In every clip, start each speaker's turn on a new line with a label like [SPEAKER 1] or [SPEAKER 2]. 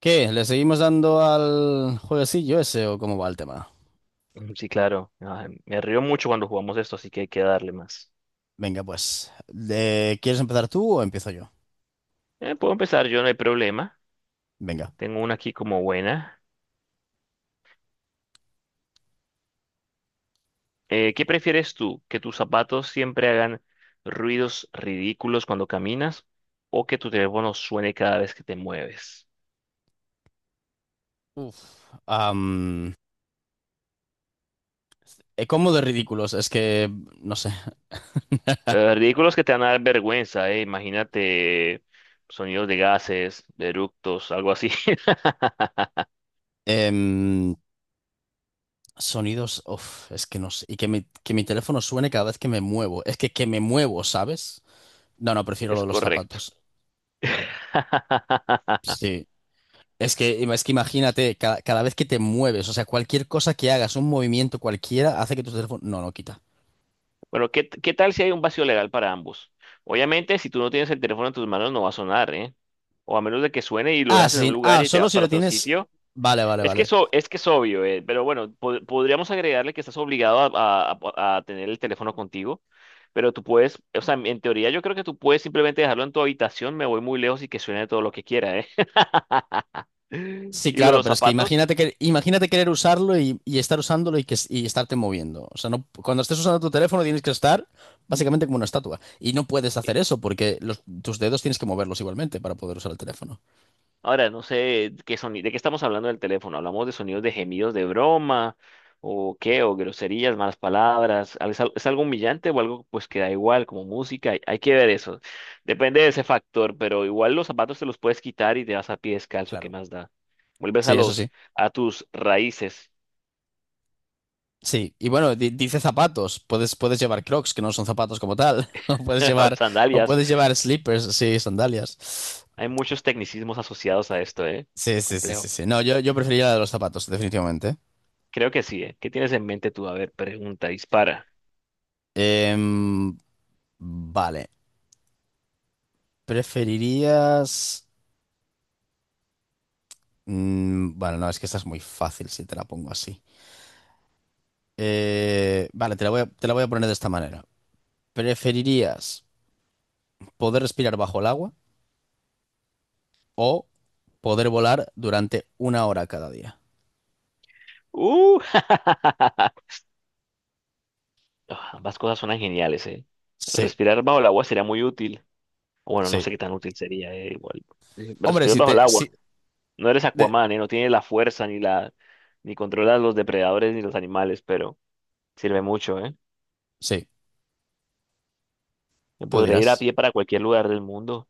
[SPEAKER 1] ¿Qué? ¿Le seguimos dando al jueguecillo ese o cómo va el tema?
[SPEAKER 2] Sí, claro. Me río mucho cuando jugamos esto, así que hay que darle más.
[SPEAKER 1] Venga, pues. ¿Quieres empezar tú o empiezo yo?
[SPEAKER 2] Puedo empezar yo, no hay problema.
[SPEAKER 1] Venga.
[SPEAKER 2] Tengo una aquí como buena. ¿Qué prefieres tú? ¿Que tus zapatos siempre hagan ruidos ridículos cuando caminas o que tu teléfono suene cada vez que te mueves?
[SPEAKER 1] Uf. Am, ¿Cómo de ridículos? Es que, no sé.
[SPEAKER 2] Ridículos que te van a dar vergüenza, Imagínate sonidos de gases, de eructos, algo así.
[SPEAKER 1] Em, sonidos, uf, es que no sé. Y que mi teléfono suene cada vez que me muevo. Es que me muevo, ¿sabes? No, no, prefiero lo
[SPEAKER 2] Es
[SPEAKER 1] de los
[SPEAKER 2] correcto.
[SPEAKER 1] zapatos. Sí. Es que imagínate, cada vez que te mueves, o sea, cualquier cosa que hagas, un movimiento cualquiera, hace que tu teléfono... No, no, quita.
[SPEAKER 2] Bueno, ¿qué tal si hay un vacío legal para ambos? Obviamente, si tú no tienes el teléfono en tus manos, no va a sonar, ¿eh? O a menos de que suene y lo
[SPEAKER 1] Ah,
[SPEAKER 2] dejas en un
[SPEAKER 1] sí.
[SPEAKER 2] lugar
[SPEAKER 1] Ah,
[SPEAKER 2] y te
[SPEAKER 1] solo
[SPEAKER 2] vas
[SPEAKER 1] si
[SPEAKER 2] para
[SPEAKER 1] lo
[SPEAKER 2] otro
[SPEAKER 1] tienes.
[SPEAKER 2] sitio.
[SPEAKER 1] Vale, vale,
[SPEAKER 2] Es que
[SPEAKER 1] vale.
[SPEAKER 2] eso, es que es obvio, ¿eh? Pero bueno, podríamos agregarle que estás obligado a tener el teléfono contigo. Pero tú puedes, o sea, en teoría yo creo que tú puedes simplemente dejarlo en tu habitación, me voy muy lejos y que suene todo lo que quiera, ¿eh?
[SPEAKER 1] Sí,
[SPEAKER 2] Y lo de
[SPEAKER 1] claro,
[SPEAKER 2] los
[SPEAKER 1] pero es que
[SPEAKER 2] zapatos.
[SPEAKER 1] imagínate querer usarlo y estar usándolo y estarte moviendo. O sea, no, cuando estés usando tu teléfono tienes que estar básicamente como una estatua. Y no puedes hacer eso porque tus dedos tienes que moverlos igualmente para poder usar el teléfono.
[SPEAKER 2] Ahora, no sé qué sonido, de qué estamos hablando del teléfono. ¿Hablamos de sonidos de gemidos de broma o qué? ¿O groserías, malas palabras? ¿ es algo humillante o algo pues que da igual como música? Hay que ver eso. Depende de ese factor, pero igual los zapatos te los puedes quitar y te vas a pie descalzo. ¿Qué
[SPEAKER 1] Claro.
[SPEAKER 2] más da? Vuelves
[SPEAKER 1] Sí,
[SPEAKER 2] a
[SPEAKER 1] eso sí.
[SPEAKER 2] los a tus raíces,
[SPEAKER 1] Sí. Y bueno, dice zapatos. Puedes, puedes llevar Crocs, que no son zapatos como tal. O
[SPEAKER 2] sandalias.
[SPEAKER 1] puedes llevar slippers, sí, sandalias.
[SPEAKER 2] Hay muchos tecnicismos asociados a esto, ¿eh?
[SPEAKER 1] Sí, sí, sí, sí,
[SPEAKER 2] Complejo.
[SPEAKER 1] sí. No, yo preferiría la de los zapatos, definitivamente.
[SPEAKER 2] Creo que sí, ¿eh? ¿Qué tienes en mente tú? A ver, pregunta, dispara.
[SPEAKER 1] Em, vale. ¿Preferirías...? Mm, bueno, no, es que esta es muy fácil si te la pongo así. Vale, te la voy a poner de esta manera. ¿Preferirías poder respirar bajo el agua o poder volar durante una hora cada día?
[SPEAKER 2] ¡Uh! Ambas cosas suenan geniales, ¿eh?
[SPEAKER 1] Sí,
[SPEAKER 2] Respirar bajo el agua sería muy útil. Bueno, no
[SPEAKER 1] sí.
[SPEAKER 2] sé qué tan útil sería, ¿eh? Igual. eh,
[SPEAKER 1] Hombre,
[SPEAKER 2] Respirar
[SPEAKER 1] si
[SPEAKER 2] bajo el
[SPEAKER 1] te...
[SPEAKER 2] agua.
[SPEAKER 1] Si,
[SPEAKER 2] No eres
[SPEAKER 1] de-
[SPEAKER 2] Aquaman, ¿eh? No tienes la fuerza ni la ni controlas los depredadores ni los animales, pero sirve mucho, ¿eh?
[SPEAKER 1] sí,
[SPEAKER 2] Me
[SPEAKER 1] tú
[SPEAKER 2] podré ir a
[SPEAKER 1] dirás.
[SPEAKER 2] pie para cualquier lugar del mundo.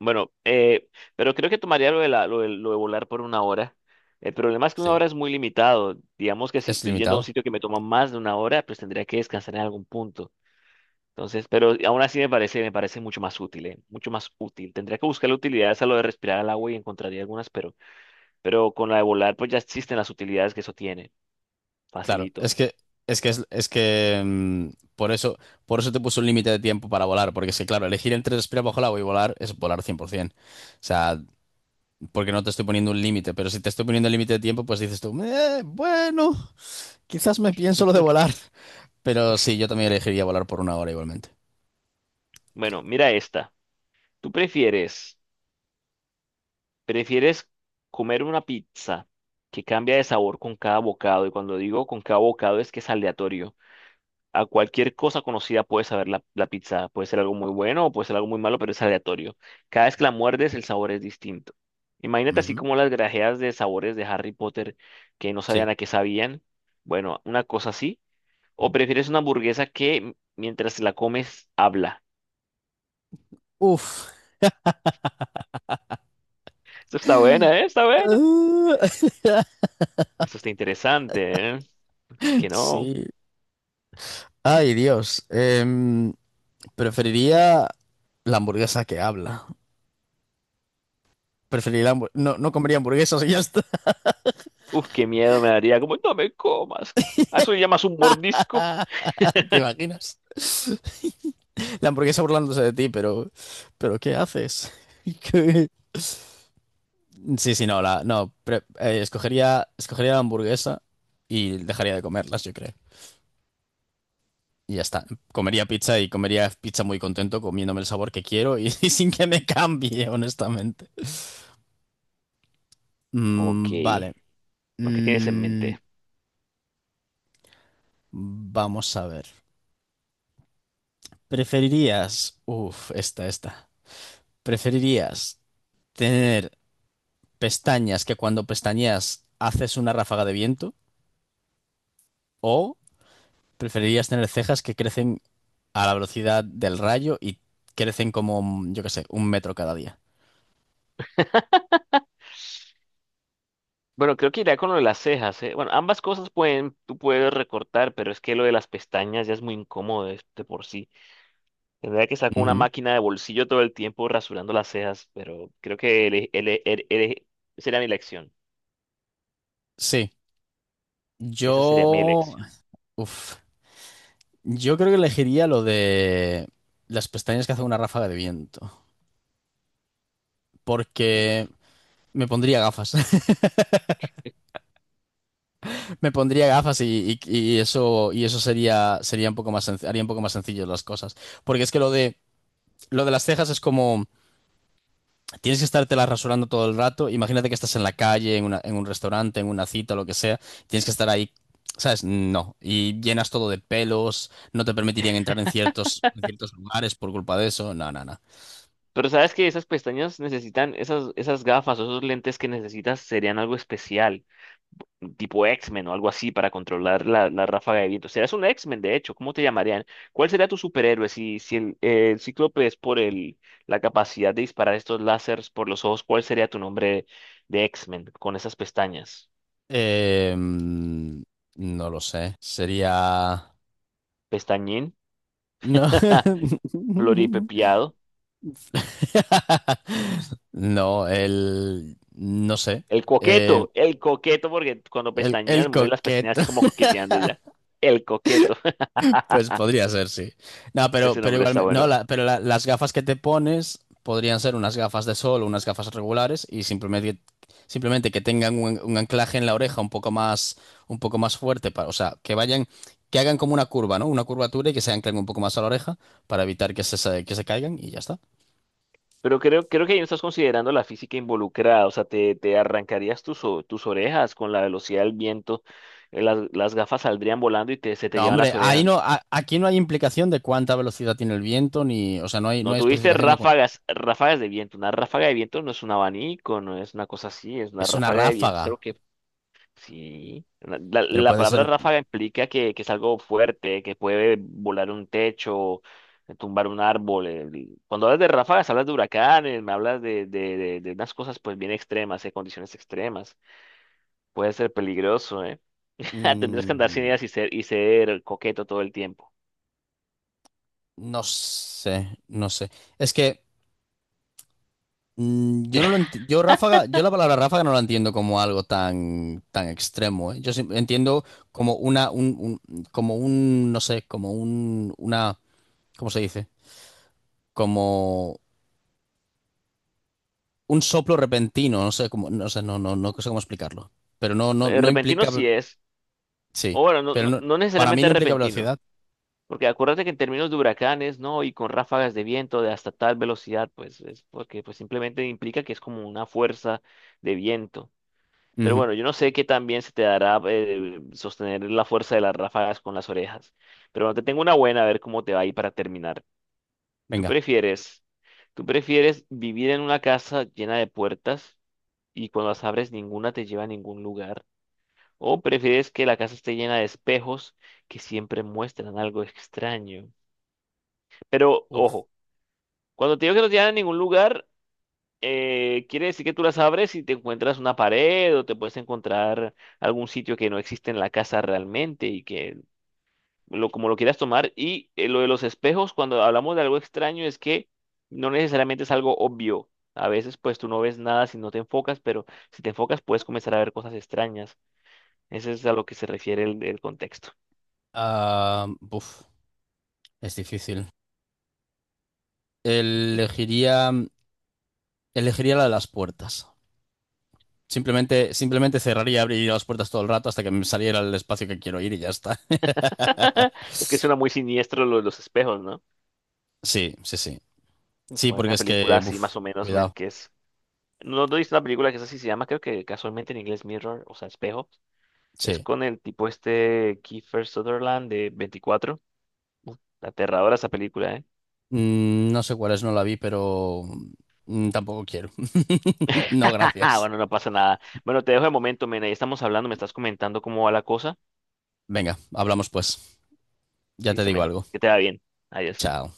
[SPEAKER 2] Bueno, pero creo que tomaría lo de, la- lo de volar por una hora. El problema es que una
[SPEAKER 1] Sí,
[SPEAKER 2] hora es muy limitado. Digamos que si
[SPEAKER 1] es
[SPEAKER 2] estoy yendo a un
[SPEAKER 1] limitado.
[SPEAKER 2] sitio que me toma más de una hora, pues tendría que descansar en algún punto. Entonces, pero aún así me parece mucho más útil, ¿eh? Mucho más útil. Tendría que buscar utilidades a lo de respirar al agua y encontraría algunas, pero con la de volar, pues ya existen las utilidades que eso tiene.
[SPEAKER 1] Claro, es
[SPEAKER 2] Facilito.
[SPEAKER 1] que es que mm, por eso por eso te puso un límite de tiempo para volar, porque es que claro, elegir entre respirar bajo el agua y volar es volar 100%. O sea, porque no te estoy poniendo un límite, pero si te estoy poniendo el límite de tiempo, pues dices tú, bueno, quizás me pienso lo de volar, pero sí, yo también elegiría volar por una hora igualmente."
[SPEAKER 2] Bueno, mira esta. ¿Tú prefieres comer una pizza que cambia de sabor con cada bocado? Y cuando digo con cada bocado es que es aleatorio. A cualquier cosa conocida puedes saber la pizza. Puede ser algo muy bueno o puede ser algo muy malo, pero es aleatorio. Cada vez que la muerdes, el sabor es distinto. Imagínate así
[SPEAKER 1] Ujú.
[SPEAKER 2] como las grajeas de sabores de Harry Potter que no
[SPEAKER 1] Sí.
[SPEAKER 2] sabían a qué sabían. Bueno, una cosa así. ¿O prefieres una hamburguesa que mientras la comes habla?
[SPEAKER 1] Uf.
[SPEAKER 2] Esto está buena, ¿eh? Está buena. Esto está interesante, ¿eh? Que no.
[SPEAKER 1] Sí. Ay, Dios. Preferiría la hamburguesa que habla. Preferiría la no, no comería hamburguesas y ya está.
[SPEAKER 2] Uf, qué miedo me daría. Como, no me comas. ¿A eso le llamas un mordisco?
[SPEAKER 1] ¿Te imaginas? La hamburguesa burlándose de ti, pero ¿qué haces? ¿Qué? Sí, sí, no, la, no, pre- escogería, escogería la hamburguesa y dejaría de comerlas, yo creo. Y ya está. Comería pizza y comería pizza muy contento, comiéndome el sabor que quiero y, y sin que me cambie, honestamente.
[SPEAKER 2] Ok.
[SPEAKER 1] Mm, vale.
[SPEAKER 2] ¿No? ¿Qué tienes en
[SPEAKER 1] Mm,
[SPEAKER 2] mente?
[SPEAKER 1] vamos a ver. ¿Preferirías, uff esta, esta, ¿preferirías tener pestañas que cuando pestañeas haces una ráfaga de viento o preferirías tener cejas que crecen a la velocidad del rayo y crecen como, yo qué sé, un metro cada día?
[SPEAKER 2] Bueno, creo que iría con lo de las cejas, ¿eh? Bueno, ambas cosas pueden, tú puedes recortar, pero es que lo de las pestañas ya es muy incómodo de por sí. Tendría que sacar una
[SPEAKER 1] Ujú.
[SPEAKER 2] máquina de bolsillo todo el tiempo rasurando las cejas, pero creo que sería mi elección.
[SPEAKER 1] Sí,
[SPEAKER 2] Esa sería mi
[SPEAKER 1] yo,
[SPEAKER 2] elección.
[SPEAKER 1] uff yo creo que elegiría lo de las pestañas que hace una ráfaga de viento porque
[SPEAKER 2] Uf.
[SPEAKER 1] me pondría gafas. Me pondría gafas y eso sería, sería un poco más haría un poco más sencillo las cosas. Porque es que lo de las cejas es como, tienes que estártelas rasurando todo el rato. Imagínate que estás en la calle, en un restaurante, en una cita, lo que sea. Tienes que estar ahí, ¿sabes? No. Y llenas todo de pelos, no te permitirían entrar en en ciertos lugares por culpa de eso. No, no, no.
[SPEAKER 2] Pero sabes que esas pestañas necesitan, esas, esas gafas o esos lentes que necesitas serían algo especial, tipo X-Men o algo así para controlar la ráfaga de viento. Serás un X-Men, de hecho, ¿cómo te llamarían? ¿Cuál sería tu superhéroe si, si el Cíclope es por la capacidad de disparar estos láseres por los ojos? ¿Cuál sería tu nombre de X-Men con esas pestañas?
[SPEAKER 1] Eh, mm, no lo sé. Sería...
[SPEAKER 2] ¿Pestañín?
[SPEAKER 1] No.
[SPEAKER 2] ¿Floripepiado?
[SPEAKER 1] No, el... No sé. Eh,
[SPEAKER 2] El coqueto, porque cuando pestañeas
[SPEAKER 1] el
[SPEAKER 2] mueve las pestañas
[SPEAKER 1] coqueto,
[SPEAKER 2] así como coqueteando ya. El coqueto.
[SPEAKER 1] pues podría ser, sí. No,
[SPEAKER 2] Ese
[SPEAKER 1] pero
[SPEAKER 2] nombre está
[SPEAKER 1] igualmente... No,
[SPEAKER 2] bueno.
[SPEAKER 1] pero las gafas que te pones podrían ser unas gafas de sol o unas gafas regulares y simplemente, simplemente que tengan un anclaje en la oreja un poco más fuerte. Para, o sea, que vayan... Que hagan como una curva, ¿no? Una curvatura y que se anclen un poco más a la oreja para evitar que se caigan y ya está.
[SPEAKER 2] Pero creo, creo que ahí no estás considerando la física involucrada. O sea, te arrancarías tus, tus orejas con la velocidad del viento. Las gafas saldrían volando y te, se te
[SPEAKER 1] No,
[SPEAKER 2] llevan
[SPEAKER 1] hombre,
[SPEAKER 2] las
[SPEAKER 1] ahí no,
[SPEAKER 2] orejas.
[SPEAKER 1] aquí no hay implicación de cuánta velocidad tiene el viento, ni, o sea, no hay, no
[SPEAKER 2] No
[SPEAKER 1] hay
[SPEAKER 2] tuviste
[SPEAKER 1] especificación de
[SPEAKER 2] ráfagas, ráfagas de viento. Una ráfaga de viento no es un abanico, no es una cosa así. Es una
[SPEAKER 1] es una
[SPEAKER 2] ráfaga de viento. Es algo
[SPEAKER 1] ráfaga,
[SPEAKER 2] que sí, la, la-
[SPEAKER 1] pero
[SPEAKER 2] la
[SPEAKER 1] puede
[SPEAKER 2] palabra
[SPEAKER 1] ser.
[SPEAKER 2] ráfaga implica que es algo fuerte, que puede volar un techo, tumbar un árbol. Cuando hablas de ráfagas, hablas de huracanes, me hablas de, de unas cosas pues bien extremas, de condiciones extremas. Puede ser peligroso, ¿eh? Tendrías que andar sin
[SPEAKER 1] Mm,
[SPEAKER 2] ideas y ser coqueto todo el tiempo.
[SPEAKER 1] no sé, no sé. Es que mm, yo la palabra ráfaga no la entiendo como algo tan, tan extremo, ¿eh? Entiendo como como un, no sé, como un, una, ¿cómo se dice? Como un soplo repentino, no sé cómo, no sé, no, no, no sé cómo explicarlo. Pero no, no,
[SPEAKER 2] Eh,
[SPEAKER 1] no
[SPEAKER 2] repentino
[SPEAKER 1] implica.
[SPEAKER 2] sí es, o
[SPEAKER 1] Sí,
[SPEAKER 2] bueno, no,
[SPEAKER 1] pero
[SPEAKER 2] no,
[SPEAKER 1] no-
[SPEAKER 2] no
[SPEAKER 1] para mí
[SPEAKER 2] necesariamente
[SPEAKER 1] no implica
[SPEAKER 2] repentino.
[SPEAKER 1] velocidad.
[SPEAKER 2] Porque acuérdate que en términos de huracanes, ¿no? Y con ráfagas de viento de hasta tal velocidad, pues es porque pues simplemente implica que es como una fuerza de viento. Pero
[SPEAKER 1] Ujú.
[SPEAKER 2] bueno, yo no sé qué tan bien se te dará sostener la fuerza de las ráfagas con las orejas. Pero bueno, te tengo una buena, a ver cómo te va ahí para terminar. ¿Tú
[SPEAKER 1] Venga.
[SPEAKER 2] prefieres, tú prefieres vivir en una casa llena de puertas y cuando las abres ninguna te lleva a ningún lugar? ¿O prefieres que la casa esté llena de espejos que siempre muestran algo extraño? Pero
[SPEAKER 1] Uf.
[SPEAKER 2] ojo, cuando te digo que no te llevan a ningún lugar, quiere decir que tú las abres y te encuentras una pared o te puedes encontrar algún sitio que no existe en la casa realmente y que lo, como lo quieras tomar. Y lo de los espejos, cuando hablamos de algo extraño, es que no necesariamente es algo obvio. A veces pues tú no ves nada si no te enfocas, pero si te enfocas puedes comenzar a ver cosas extrañas. Ese es a lo que se refiere el contexto.
[SPEAKER 1] Ah, uf, es difícil. Elegiría, elegiría la de las puertas. Simplemente, simplemente cerraría y abriría las puertas todo el rato hasta que me saliera el espacio que quiero ir y ya está.
[SPEAKER 2] Es que suena muy siniestro lo de los espejos, ¿no?
[SPEAKER 1] Sí, sí, sí. Sí,
[SPEAKER 2] Fue
[SPEAKER 1] porque
[SPEAKER 2] una
[SPEAKER 1] es
[SPEAKER 2] película
[SPEAKER 1] que,
[SPEAKER 2] así
[SPEAKER 1] uf,
[SPEAKER 2] más o menos, men,
[SPEAKER 1] cuidado.
[SPEAKER 2] que es no, no viste una película que es así, se llama, creo que casualmente en inglés Mirror, o sea, espejo. Es
[SPEAKER 1] Sí.
[SPEAKER 2] con el tipo este Kiefer Sutherland de 24. Uf, aterradora esa película, ¿eh?
[SPEAKER 1] Mm, no sé cuál es, no la vi, pero mm, tampoco quiero. No, gracias.
[SPEAKER 2] Bueno, no pasa nada. Bueno, te dejo de momento, men. Ahí estamos hablando, me estás comentando cómo va la cosa.
[SPEAKER 1] Venga, hablamos pues. Ya te
[SPEAKER 2] Listo,
[SPEAKER 1] digo
[SPEAKER 2] men.
[SPEAKER 1] algo.
[SPEAKER 2] Que te va bien. Adiós.
[SPEAKER 1] Chao.